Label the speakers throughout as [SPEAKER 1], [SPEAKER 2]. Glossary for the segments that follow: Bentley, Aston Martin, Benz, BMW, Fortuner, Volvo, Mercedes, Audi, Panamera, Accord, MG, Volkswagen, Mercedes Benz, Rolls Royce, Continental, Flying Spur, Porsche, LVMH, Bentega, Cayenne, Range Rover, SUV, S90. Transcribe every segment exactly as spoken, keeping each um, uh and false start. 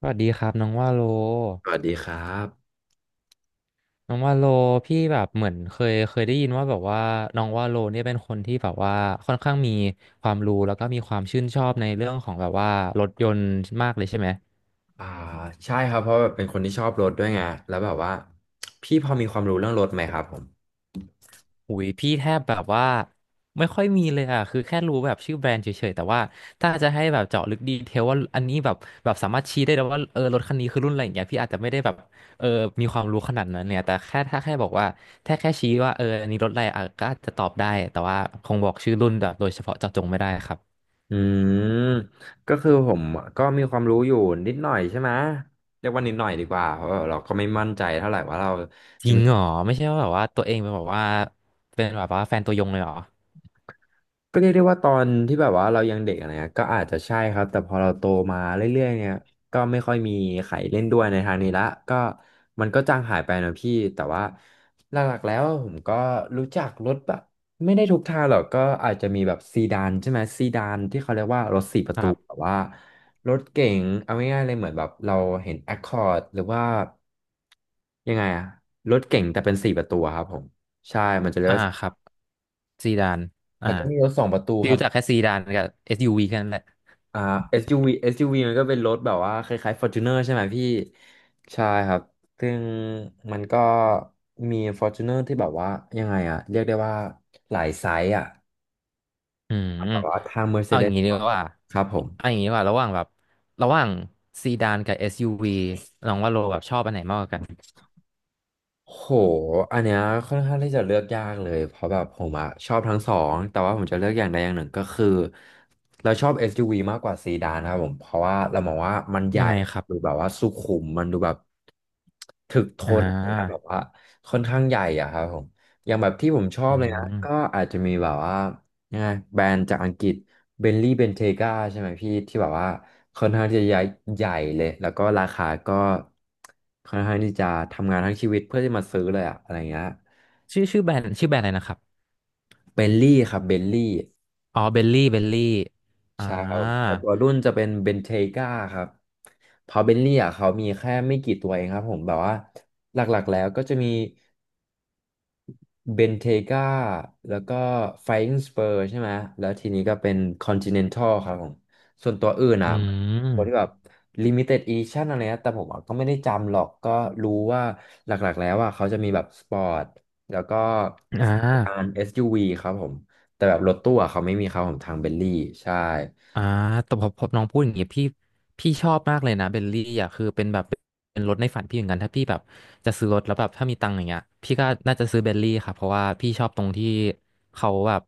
[SPEAKER 1] สวัสดีครับน้องว่าโล
[SPEAKER 2] สวัสดีครับ
[SPEAKER 1] น้องว่าโลพี่แบบเหมือนเคยเคยได้ยินว่าแบบว่าน้องว่าโลเนี่ยเป็นคนที่แบบว่าค่อนข้างมีความรู้แล้วก็มีความชื่นชอบในเรื่องของแบบว่ารถยนต์มากเลยใช่ไหม
[SPEAKER 2] อ่าใช่ครับเพราะแบบเป็นคนที่ชอบรถด้วยไงแล้วแบบว่าพี่พอมีความรู้เรื่องรถไหมครับผม
[SPEAKER 1] หุยพี่แทบแบบว่าไม่ค่อยมีเลยอ่ะคือแค่รู้แบบชื่อแบรนด์เฉยๆแต่ว่าถ้าจะให้แบบเจาะลึกดีเทลว่าอันนี้แบบแบบสามารถชี้ได้เลยวว่าเออรถคันนี้คือรุ่นอะไรอย่างเงี้ยพี่อาจจะไม่ได้แบบเออมีความรู้ขนาดนั้นเนี่ยแต่แค่ถ้าแค่บอกว่าแค่แค่ชี้ว่าเอออันนี้รถอะไรอ่ะก็อาจจะตอบได้แต่ว่าคงบอกชื่อรุ่นแบบโดยเฉพาะเจาะจงไม่ได้ครับ
[SPEAKER 2] อืมก็คือผมก็มีความรู้อยู่นิดหน่อยใช่ไหมเรียกว่านิดหน่อยดีกว่าเพราะว่าเราก็ไม่มั่นใจเท่าไหร่ว่าเรา
[SPEAKER 1] จริงเหรอไม่ใช่ว่าแบบว่าตัวเองเป็นแบบว่าเป็นแบบว่าแฟนตัวยงเลยเหรอ
[SPEAKER 2] ก็เรียกได้ว่าตอนที่แบบว่าเรายังเด็กอะไรเงี้ยก็อาจจะใช่ครับแต่พอเราโตมาเรื่อยๆเนี่ยก็ไม่ค่อยมีใครเล่นด้วยในทางนี้ละก็มันก็จางหายไปนะพี่แต่ว่าหลักๆแล้วผมก็รู้จักรถแบบไม่ได้ทุกทางหรอกก็อาจจะมีแบบซีดานใช่ไหมซีดานที่เขาเรียกว่ารถสี่ป
[SPEAKER 1] ค
[SPEAKER 2] ระตู
[SPEAKER 1] รั
[SPEAKER 2] แบ
[SPEAKER 1] บ
[SPEAKER 2] บว่ารถเก๋งเอาง่ายๆเลยเหมือนแบบเราเห็น Accord หรือว่ายังไงอะรถเก๋งแต่เป็นสี่ประตูอะครับผมใช่มันจะเรียก
[SPEAKER 1] อ่า
[SPEAKER 2] ว่า
[SPEAKER 1] ครับซีดานอ่า
[SPEAKER 2] แล้วก็มีรถสองประตู
[SPEAKER 1] พี่
[SPEAKER 2] ครับ
[SPEAKER 1] รู้จักแค่ซีดานกับ เอส ยู วี แค่นั้นแหละ
[SPEAKER 2] อ่า เอส ยู วี ูวีเอสยูวีมันก็เป็นรถแบบว่าคล้ายๆ Fortuner ใช่ไหมพี่ใช่ครับซึ่งมันก็มี Fortuner ที่แบบว่ายังไงอะเรียกได้ว่าหลายไซส์อะ
[SPEAKER 1] อืม
[SPEAKER 2] แบบว่าทาง
[SPEAKER 1] เอาอย่า
[SPEAKER 2] Mercedes
[SPEAKER 1] งนี้ดี
[SPEAKER 2] ก็
[SPEAKER 1] กว่า
[SPEAKER 2] ครับผม
[SPEAKER 1] เอาอย่างนี้ดีกว่าระหว่างแบบระหว่างซีดานกับ เอส ยู วี น้องว่าโลแบบชอบอันไหนมากกว่ากัน
[SPEAKER 2] โหอันเนี้ยค่อนข้างที่จะเลือกยากเลยเพราะแบบผมอะชอบทั้งสองแต่ว่าผมจะเลือกอย่างใดอย่างหนึ่งก็คือเราชอบ เอส ยู วี มากกว่าซีดานครับผมเพราะว่าเรามองว่ามันใหญ่
[SPEAKER 1] ยังไงครับ
[SPEAKER 2] ดูแบบว่าสุขุมมันดูแบบถึกท
[SPEAKER 1] อ่
[SPEAKER 2] นนะแบบ
[SPEAKER 1] า
[SPEAKER 2] ว่าค่อนข้างใหญ่อะครับผมอย่างแบบที่ผมชอ
[SPEAKER 1] อื
[SPEAKER 2] บเลยนะ
[SPEAKER 1] ม
[SPEAKER 2] ก็อาจจะมีแบบว่ายังไงแบรนด์จากอังกฤษ เบนลี่เบนเทกาใช่ไหมพี่ที่แบบว่าค่อนข้างที่จะใหญ่ใหญ่เลยแล้วก็ราคาก็ค่อนข้างที่จะทำงานทั้งชีวิตเพื่อที่มาซื้อเลยอะอะไรเงี้ย
[SPEAKER 1] ชื่อชื่อแบรนด์ชื่อแบรนด์อะไรนะครับ
[SPEAKER 2] เบนลี่ครับเบนลี่
[SPEAKER 1] อ๋อเบลลี่เบลลี่อ่า
[SPEAKER 2] ใช่ครับแต่ตัวรุ่นจะเป็นเบนเทกาครับเพราะเบนลี่อะเขามีแค่ไม่กี่ตัวเองครับผมแบบว่าหลักๆแล้วก็จะมี เบนเทกาแล้วก็ไฟอิงสเปอร์ใช่ไหมแล้วทีนี้ก็เป็นคอนติเนนทัลครับผมส่วนตัวอื่น
[SPEAKER 1] อื
[SPEAKER 2] อ่ะตัวที่แบ
[SPEAKER 1] ม
[SPEAKER 2] บลิมิเต็ดอีดิชั่นอะไรนะแต่ผมอะก็ไม่ได้จำหรอกก็รู้ว่าหลักๆแล้วอ่ะเขาจะมีแบบสปอร์ตแล้วก็
[SPEAKER 1] อ่
[SPEAKER 2] การ
[SPEAKER 1] า
[SPEAKER 2] เอส ยู วี ครับผมแต่แบบรถตู้อะเขาไม่มีครับผมทางเบลลี่ใช่
[SPEAKER 1] อ่าแต่พอพอน้องพูดอย่างเงี้ยพี่พี่ชอบมากเลยนะเบลลี่อ่ะคือเป็นแบบเป็นรถในฝันพี่เหมือนกันถ้าพี่แบบจะซื้อรถแล้วแบบถ้ามีตังค์อย่างเงี้ยพี่ก็น่าจะซื้อเบลลี่ค่ะเพราะว่าพี่ชอบตรงที่เขาแบบ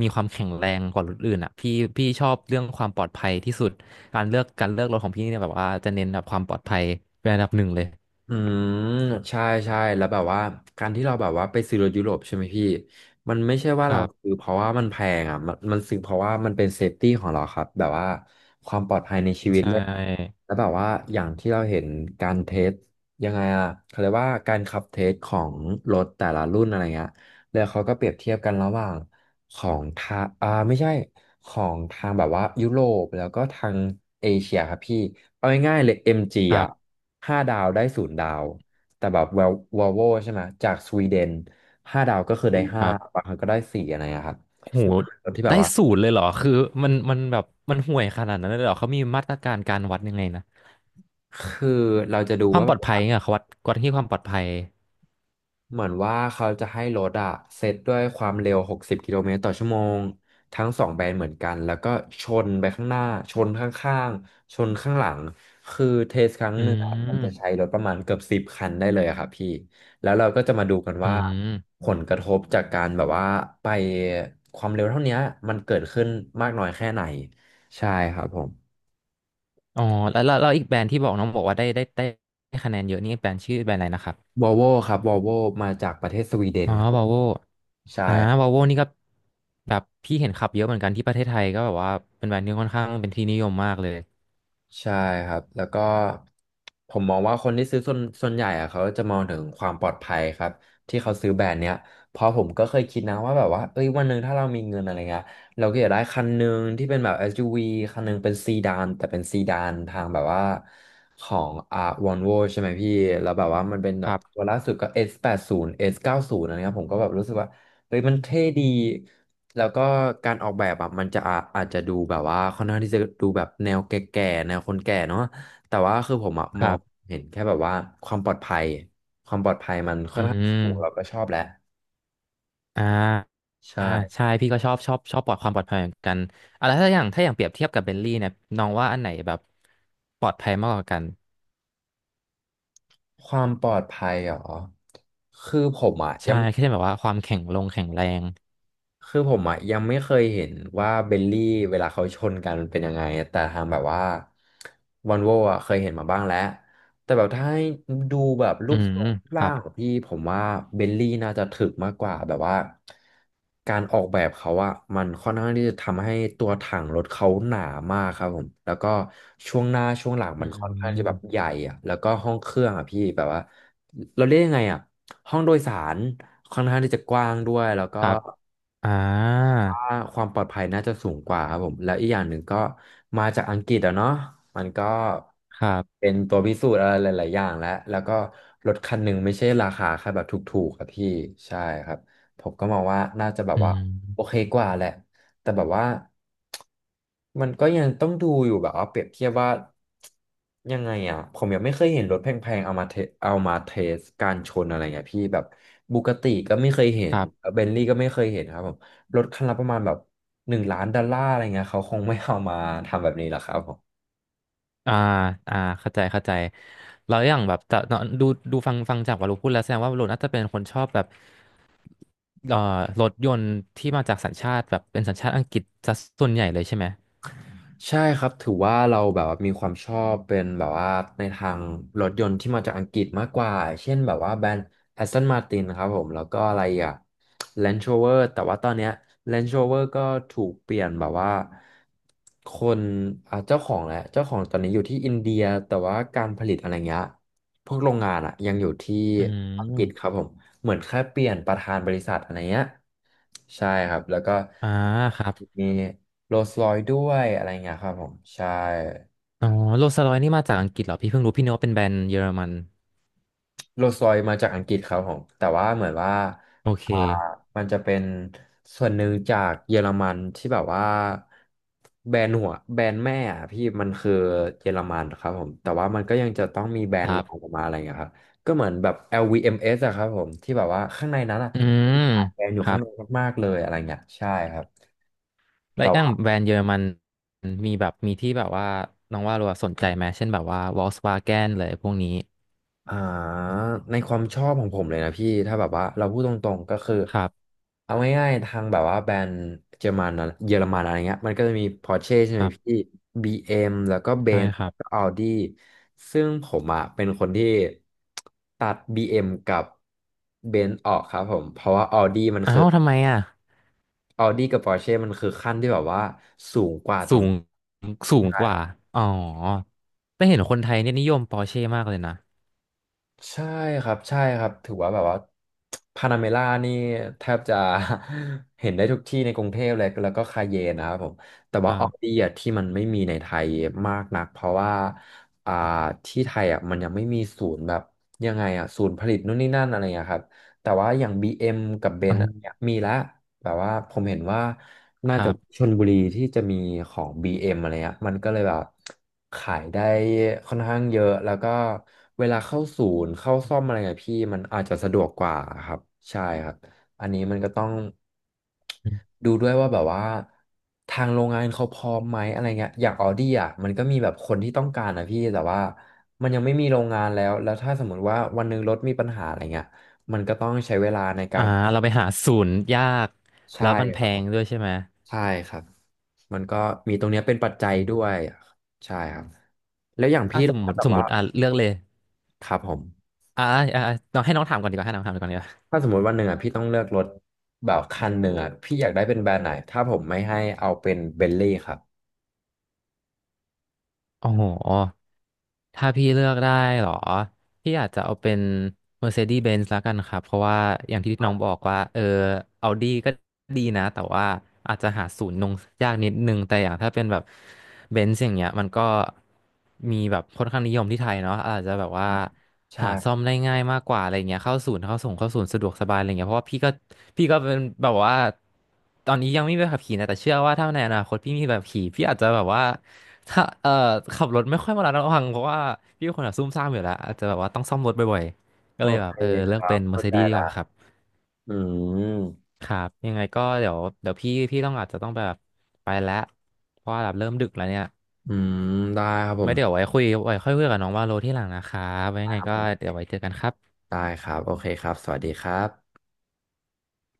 [SPEAKER 1] มีความแข็งแรงกว่ารถอื่นอ่ะพี่พี่ชอบเรื่องความปลอดภัยที่สุดการเลือกการเลือกรถของพี่เนี่ยแบบว่าจะเน้นแบบความปลอดภัยเป็นอันดับหนึ่งเลย
[SPEAKER 2] อืมใช่ใช่แล้วแบบว่าการที่เราแบบว่าไปซื้อรถยุโรปใช่ไหมพี่มันไม่ใช่ว่า
[SPEAKER 1] ค
[SPEAKER 2] เรา
[SPEAKER 1] รั
[SPEAKER 2] ซื้อ
[SPEAKER 1] บ
[SPEAKER 2] เพราะว่ามันแพงอ่ะมันมันซื้อเพราะว่ามันเป็นเซฟตี้ของเราครับแบบว่าความปลอดภัยในชีวิ
[SPEAKER 1] ใช
[SPEAKER 2] ตเลยอะ
[SPEAKER 1] ่
[SPEAKER 2] แล้วแบบว่าอย่างที่เราเห็นการเทสยังไงอ่ะเขาเรียกว่าการขับเทสของรถแต่ละรุ่นอะไรเงี้ยแล้วเขาก็เปรียบเทียบกันระหว่างของทางอ่าไม่ใช่ของทางแบบว่ายุโรปแล้วก็ทางเอเชียครับพี่เอาง่ายๆเลยเอ็มจี
[SPEAKER 1] ครั
[SPEAKER 2] อ่ะ
[SPEAKER 1] บ
[SPEAKER 2] ห้าดาวได้ศูนย์ดาวแต่แบบววอลโวใช่ไหมจากสวีเดนห้าดาวก็คือได้
[SPEAKER 1] ค
[SPEAKER 2] ห้า
[SPEAKER 1] รับ
[SPEAKER 2] บางครั้งก็ได้สี่อะไรอะครับ
[SPEAKER 1] โห
[SPEAKER 2] ซึ่งรถที่แบ
[SPEAKER 1] ได้
[SPEAKER 2] บว่า
[SPEAKER 1] สูตรเลยเหรอคือมันมันแบบมันห่วยขนาดนั้นเลยเหรอเขามีมาตรการการวัดยังไงนะ
[SPEAKER 2] คือเราจะดู
[SPEAKER 1] ความ
[SPEAKER 2] ว่า
[SPEAKER 1] ปลอดภัยเนี่ยเขาวัดวัดที่ความปลอดภัย
[SPEAKER 2] เหมือนว่าเขาจะให้รถอะเซตด้วยความเร็วหกสิบกสิบกิโลเมตรต่อชั่วโมงทั้งสองแบรนด์เหมือนกันแล้วก็ชนไปข้างหน้าชนข้างๆชนข้างหลังคือเทสครั้ง
[SPEAKER 1] อื
[SPEAKER 2] หนึ่งอะมันจะใช้
[SPEAKER 1] ม
[SPEAKER 2] รถประมาณเกือบสิบคันได้เลยอะครับพี่แล้วเราก็จะมาดูกัน
[SPEAKER 1] อื
[SPEAKER 2] ว่า
[SPEAKER 1] ม
[SPEAKER 2] ผลกระทบจากการแบบว่าไปความเร็วเท่าเนี้ยมันเกิดขึ้นมากน้อยแค่ไหนใช่ครับผม
[SPEAKER 1] อ๋อแล้วแล้วแล้วอีกแบรนด์ที่บอกน้องบอกว่าได้ได้ได้ได้คะแนนเยอะนี่แบรนด์ชื่อแบรนด์อะไรนะครับ
[SPEAKER 2] วอลโวครับวอลโวมาจากประเทศสวีเดน
[SPEAKER 1] อ๋อ
[SPEAKER 2] ครับ
[SPEAKER 1] วาโว
[SPEAKER 2] ใช่
[SPEAKER 1] นอวาโวนี่ก็แบบพี่เห็นขับเยอะเหมือนกันที่ประเทศไทยก็แบบว่าเป็นแบรนด์ที่ค่อนข้างเป็นที่นิยมมากเลย
[SPEAKER 2] ใช่ครับแล้วก็ผมมองว่าคนที่ซื้อส่วนส่วนใหญ่อะเขาจะมองถึงความปลอดภัยครับที่เขาซื้อแบรนด์เนี้ยเพราะผมก็เคยคิดนะว่าแบบว่าเอ้ยวันหนึ่งถ้าเรามีเงินอะไรเงี้ยเราก็อยากได้คันหนึ่งที่เป็นแบบ เอส ยู วี คันหนึ่งเป็นซีดานแต่เป็นซีดานทางแบบว่าของอ่าวอลโวใช่ไหมพี่แล้วแบบว่ามันเป็นแบ
[SPEAKER 1] ค
[SPEAKER 2] บ
[SPEAKER 1] รั
[SPEAKER 2] ตัว
[SPEAKER 1] บ
[SPEAKER 2] ล่าสุดก็ เอส แปดสิบ สเก้า ศูนย์อสเก้าสิบอะไรเงี้ยผมก็แบบรู้สึกว่าเฮ้ยมันเท่ดี แล้วก็การออกแบบอ่ะมันจะอาอาจจะดูแบบว่าค่อนข้างที่จะดูแบบแนวแก่ๆแนวคนแก่เนาะแต่ว่าคือผมอะม
[SPEAKER 1] ค
[SPEAKER 2] อ
[SPEAKER 1] รั
[SPEAKER 2] ง
[SPEAKER 1] บ
[SPEAKER 2] เห็นแค่แบบว่าความปลอดภัยความปลอดภัยมันค่
[SPEAKER 1] อื
[SPEAKER 2] อนข้างสูงเราก็
[SPEAKER 1] ม
[SPEAKER 2] ชอบแหละ
[SPEAKER 1] อ่า
[SPEAKER 2] ใช่
[SPEAKER 1] อ่าใช่พี่ก็ชอบชอบชอบปลอดความปลอดภัยเหมือนกันอ่ะแล้วถ้าอย่างถ้าอย่างเปรียบเทียบกับเบนลี่เนี่ยน้องว่าอันไหนแบบปลอดภัยมากกว่ากัน
[SPEAKER 2] ความปลอดภัยเหรอคือผมอ่ะ
[SPEAKER 1] ใช่
[SPEAKER 2] ยัง
[SPEAKER 1] แค่แบบว่าความแข็งลงแข็งแรง
[SPEAKER 2] คือผมอ่ะยังไม่เคยเห็นว่าเบลลี่เวลาเขาชนกันมันเป็นยังไงแต่ทางแบบว่าวอนโวอ่ะเคยเห็นมาบ้างแล้วแต่แบบถ้าให้ดูแบบรู
[SPEAKER 1] อื
[SPEAKER 2] ป
[SPEAKER 1] ม
[SPEAKER 2] ทรงรูป
[SPEAKER 1] ค
[SPEAKER 2] ร่า
[SPEAKER 1] รับ
[SPEAKER 2] งของพี่ผมว่าเบลลี่น่าจะถึกมากกว่าแบบว่าการออกแบบเขาอ่ะมันค่อนข้างที่จะทำให้ตัวถังรถเขาหนามากครับผมแล้วก็ช่วงหน้าช่วงหลัง
[SPEAKER 1] อื
[SPEAKER 2] มันค่อนข้างจะแบบ
[SPEAKER 1] ม
[SPEAKER 2] ใหญ่อ่ะแล้วก็ห้องเครื่องอ่ะพี่แบบว่าเราเรียกยังไงอ่ะห้องโดยสารค่อนข้างที่จะกว้างด้วยแล้วก็
[SPEAKER 1] ครับอ่า
[SPEAKER 2] ว่าความปลอดภัยน่าจะสูงกว่าครับผมแล้วอีกอย่างหนึ่งก็มาจากอังกฤษอะเนาะมันก็
[SPEAKER 1] ครับ
[SPEAKER 2] เป็นตัวพิสูจน์อะไรหลายๆอย่างแล้วแล้วก็รถคันหนึ่งไม่ใช่ราคาแค่แบบถูกๆอะพี่ใช่ครับผมก็มองว่าน่าจะแบบ
[SPEAKER 1] อื
[SPEAKER 2] ว่า
[SPEAKER 1] ม
[SPEAKER 2] โอเคกว่าแหละแต่แบบว่ามันก็ยังต้องดูอยู่แบบว่าเปรียบเทียบว่ายังไงอ่ะผมยังไม่เคยเห็นรถแพงๆเอามาเทเอามาเทสการชนอะไรเงี้ยพี่แบบบูกติก็ไม่เคยเห็
[SPEAKER 1] ค
[SPEAKER 2] น
[SPEAKER 1] รับ
[SPEAKER 2] เบนลี่ก็ไม่เคยเห็นครับผม รถคันละประมาณแบบหนึ่งล้านดอลลาร์อะไรเงี้ยเขาคงไม่เอามาทำแบบนี้หรอกครับผม
[SPEAKER 1] อ่าอ่าเข้าใจเข้าใจแล้วอย่างแบบจะเนอะดูดูฟังฟังจากวารุพูด แล้วแสดงว่าวารุน่าจะเป็นคนชอบแบบเอ่อรถยนต์ที่มาจากสัญชาติแบบเป็นสัญชาติอังกฤษซะส่วนใหญ่เลยใช่ไหม
[SPEAKER 2] ใช่ครับถือว่าเราแบบว่ามีความชอบเป็นแบบว่าในทางรถยนต์ที่มาจากอังกฤษมากกว่าเช่นแบบว่าแบรนด์ Aston Martin นะครับผมแล้วก็อะไรอ่ะ Range Rover แต่ว่าตอนเนี้ย Range Rover ก็ถูกเปลี่ยนแบบว่าคนอ่ะเจ้าของแหละเจ้าของตอนนี้อยู่ที่อินเดียแต่ว่าการผลิตอะไรเงี้ย พวกโรงงานอะยังอยู่ที่
[SPEAKER 1] อื
[SPEAKER 2] อังกฤษค
[SPEAKER 1] ม
[SPEAKER 2] รับผมเหมือนแค่เปลี่ยนประธานบริษัทอะไรเงี้ยใช่ครับแล้วก็
[SPEAKER 1] อ่าครับ
[SPEAKER 2] มีโรลส์รอยซ์ด้วยอะไรเงี้ยครับผมใช่
[SPEAKER 1] อ๋อโรลส์รอยซ์นี่มาจากอังกฤษเหรอ พี่เพิ่งรู้ พี่นึกว่าเป็นแบรนด์เยอรมัน
[SPEAKER 2] โรลส์รอยซ์มาจากอังกฤษครับผมแต่ว่าเหมือนว่า
[SPEAKER 1] โอเค
[SPEAKER 2] อ่ามันจะเป็นส่วนหนึ่งจากเยอรมันที่แบบว่าแบรนด์หัวแบรนด์แม่อะพี่มันคือเยอรมันครับผมแต่ว่ามันก็ยังจะต้องมีแบร
[SPEAKER 1] ค
[SPEAKER 2] นด์
[SPEAKER 1] รั
[SPEAKER 2] รองอ
[SPEAKER 1] บ
[SPEAKER 2] อกมาอะไรอย่างเงี้ยครับก็เหมือนแบบ แอล วี เอ็ม เอช อลวีเอ็มเอสอะครับผมที่แบบว่าข้างในนั้นอะ
[SPEAKER 1] อื
[SPEAKER 2] มัน
[SPEAKER 1] ม
[SPEAKER 2] มีขายแบรนด์อยู่
[SPEAKER 1] ครั
[SPEAKER 2] ข้าง
[SPEAKER 1] บ
[SPEAKER 2] ในมากๆเลยอะไรเงี้ยใช่ครับ
[SPEAKER 1] แล้วอย่างแบรนด์เยอรมันมีแบบมีที่แบบว่าน้องว่ารัวสนใจไหมเช่นแบบว่าวอล k ์ w วาแกนเลยพวกนี้
[SPEAKER 2] อ่าในความชอบของผมเลยนะพี่ถ้าแบบว่าเราพูดตรงๆก็คือ
[SPEAKER 1] ครับ
[SPEAKER 2] เอาง่ายๆทางแบบว่าแบรนด์เยอรมันอะเยอรมันอะไรเงี้ยมันก็จะมี Porsche ใช่
[SPEAKER 1] ค
[SPEAKER 2] ไหม
[SPEAKER 1] รั
[SPEAKER 2] พี่
[SPEAKER 1] บ
[SPEAKER 2] บี เอ็ม แล้วก็
[SPEAKER 1] ใช่
[SPEAKER 2] Benz
[SPEAKER 1] ครั
[SPEAKER 2] แล้ว
[SPEAKER 1] บ
[SPEAKER 2] ก็ Audi ซึ่งผมอ่ะเป็นคนที่ตัด บี เอ็ม กับ Benz ออกครับผมเพราะว่า Audi มัน
[SPEAKER 1] อ้า
[SPEAKER 2] คือ
[SPEAKER 1] วทำไมอ่ะ
[SPEAKER 2] Audi กับ Porsche มันคือขั้นที่แบบว่าสูงกว่าตร
[SPEAKER 1] สู
[SPEAKER 2] ง
[SPEAKER 1] งสูง
[SPEAKER 2] ใช่
[SPEAKER 1] ก
[SPEAKER 2] ค
[SPEAKER 1] ว่า
[SPEAKER 2] รับ
[SPEAKER 1] อ๋อแต่เห็นคนไทยเนี่ยนิยมปอร์เช่มากเลยนะ
[SPEAKER 2] ใช่ครับใช่ครับถือว่าแบบว่าพานาเมล่านี่แทบจะ เห็นได้ทุกที่ในกรุงเทพเลยแล้วก็คาเยนนะครับผมแต่
[SPEAKER 1] ค
[SPEAKER 2] ว่า
[SPEAKER 1] รั
[SPEAKER 2] ออดี้
[SPEAKER 1] บ
[SPEAKER 2] อะที่มันไม่มีในไทยมากนักเพราะว่าอ่าที่ไทยอ่ะมันยังไม่มีศูนย์แบบยังไงอ่ะศูนย์ผลิตนู่นนี่นั่นอะไรอย่างเงี้ยครับแต่ว่าอย่าง บี เอ็ม กับเบ
[SPEAKER 1] อื
[SPEAKER 2] นซ์
[SPEAKER 1] ม
[SPEAKER 2] มีแล้ว แบบว่าผมเห็นว่าน่า
[SPEAKER 1] ค
[SPEAKER 2] จะ
[SPEAKER 1] รับ
[SPEAKER 2] ชลบุรีที่จะมีของ บี เอ็ม อมอะไรเงี้ยมันก็เลยแบบขายได้ค่อนข้างเยอะแล้วก็เวลาเข้าศูนย์เข้าซ่อมอะไรเงี้ยพี่มันอาจจะสะดวกกว่าครับใช่ครับอันนี้มันก็ต้อง
[SPEAKER 1] อืม
[SPEAKER 2] ดูด้วยว่าแบบว่าทางโรงงานเขาพร้อมไหมอะไรเงี้ยอย่างออดี้อ่ะมันก็มีแบบคนที่ต้องการนะพี่แต่ว่ามันยังไม่มีโรงงานแล้วแล้วถ้าสมมติว่าวันหนึงรถมีปัญหาอะไรเงี้ยมันก็ต้องใช้เวลาในกา
[SPEAKER 1] อ่า
[SPEAKER 2] ร
[SPEAKER 1] เราไปหาศูนย์ยาก
[SPEAKER 2] ใช่
[SPEAKER 1] แล้วมันแพ
[SPEAKER 2] ครับ
[SPEAKER 1] งด้วยใช่ไหม
[SPEAKER 2] ใช่ครับมันก็มีตรงเนี้ยเป็นปัจจัย
[SPEAKER 1] อื
[SPEAKER 2] ด้ว
[SPEAKER 1] ม
[SPEAKER 2] ยใช่ครับแล้วอย่าง
[SPEAKER 1] อ่ะ
[SPEAKER 2] พี่
[SPEAKER 1] ส
[SPEAKER 2] ล่ะ
[SPEAKER 1] ม
[SPEAKER 2] ค
[SPEAKER 1] ม
[SPEAKER 2] รับ
[SPEAKER 1] ติ
[SPEAKER 2] แบ
[SPEAKER 1] ส
[SPEAKER 2] บ
[SPEAKER 1] มม
[SPEAKER 2] ว่า
[SPEAKER 1] ติอ่ะเลือกเลย
[SPEAKER 2] ครับผม
[SPEAKER 1] อ่ะอ่ะอ่ะน้องให้น้องถามก่อนดีกว่าให้น้องถามก่อนดีกว่า
[SPEAKER 2] ถ้าสมมติวันหนึ่งอ่ะพี่ต้องเลือกรถแบบคันหนึ่งอ่ะพี่อยากได้เป็นแบรนด์ไหนถ้าผมไม่ให้เอาเป็นเบนลี่ครับ
[SPEAKER 1] โอ้โห ถ้าพี่เลือกได้เหรอพี่อาจจะเอาเป็น Mercedes Benz แล้วกันครับเพราะว่าอย่างที่น้องบอกว่าเออ Audi ก็ดีนะแต่ว่าอาจจะหาศูนย์นงยากนิดนึงแต่อย่างถ้าเป็นแบบ Benz อย่างเงี้ยมันก็มีแบบค่อนข้างนิยมที่ไทยเนาะอาจจะแบบว่า
[SPEAKER 2] ใช่
[SPEAKER 1] หา
[SPEAKER 2] ค
[SPEAKER 1] ซ่อ
[SPEAKER 2] รั
[SPEAKER 1] มได้
[SPEAKER 2] บ
[SPEAKER 1] ง่ายมากกว่าอะไรเงี้ยเข้าศูนย์เข้าส่งเข้าศูนย์สะดวกสบายอะไรเงี้ยเพราะว่าพี่ก็พี่ก็เป็นแบบว่าตอนนี้ยังไม่มีใบขับขี่นะแต่เชื่อว่าถ้าในอนาคตพี่มีใบขับขี่พี่อาจจะแบบว่า ถ้าเอ่อขับรถไม่ค่อยมาระมัดระวังเพราะว่าพี่เป็นคนแบบซุ่มซ่ามอยู่แล้วอาจจะแบบว่าต้องซ่อมรถบ่อยๆก็
[SPEAKER 2] โอ
[SPEAKER 1] เลยแบบ
[SPEAKER 2] เค
[SPEAKER 1] เออเลื
[SPEAKER 2] ค
[SPEAKER 1] อก
[SPEAKER 2] รั
[SPEAKER 1] เป็
[SPEAKER 2] บ
[SPEAKER 1] น
[SPEAKER 2] เข้าใจ
[SPEAKER 1] Mercedes ดีก
[SPEAKER 2] ละ
[SPEAKER 1] ว่าครับ
[SPEAKER 2] อืม
[SPEAKER 1] ครับยังไงก็เดี๋ยวเดี๋ยวพี่พี่ต้องอาจจะต้องแบบไปแล้วเพราะว่าแบบเริ่มดึกแล้วเนี่ย
[SPEAKER 2] อืมได้ครับผ
[SPEAKER 1] ไม่
[SPEAKER 2] ม
[SPEAKER 1] เดี๋ยวไว้คุยไว้ค่อยคุยกับน้องว่าโลที่หลังนะครับไว้ยั
[SPEAKER 2] ได้
[SPEAKER 1] งไง
[SPEAKER 2] ครับ
[SPEAKER 1] ก็
[SPEAKER 2] ผม
[SPEAKER 1] เดี๋ยวไว้เจอกันครับ
[SPEAKER 2] ได้ครับโอเคครับสวัสดีครับ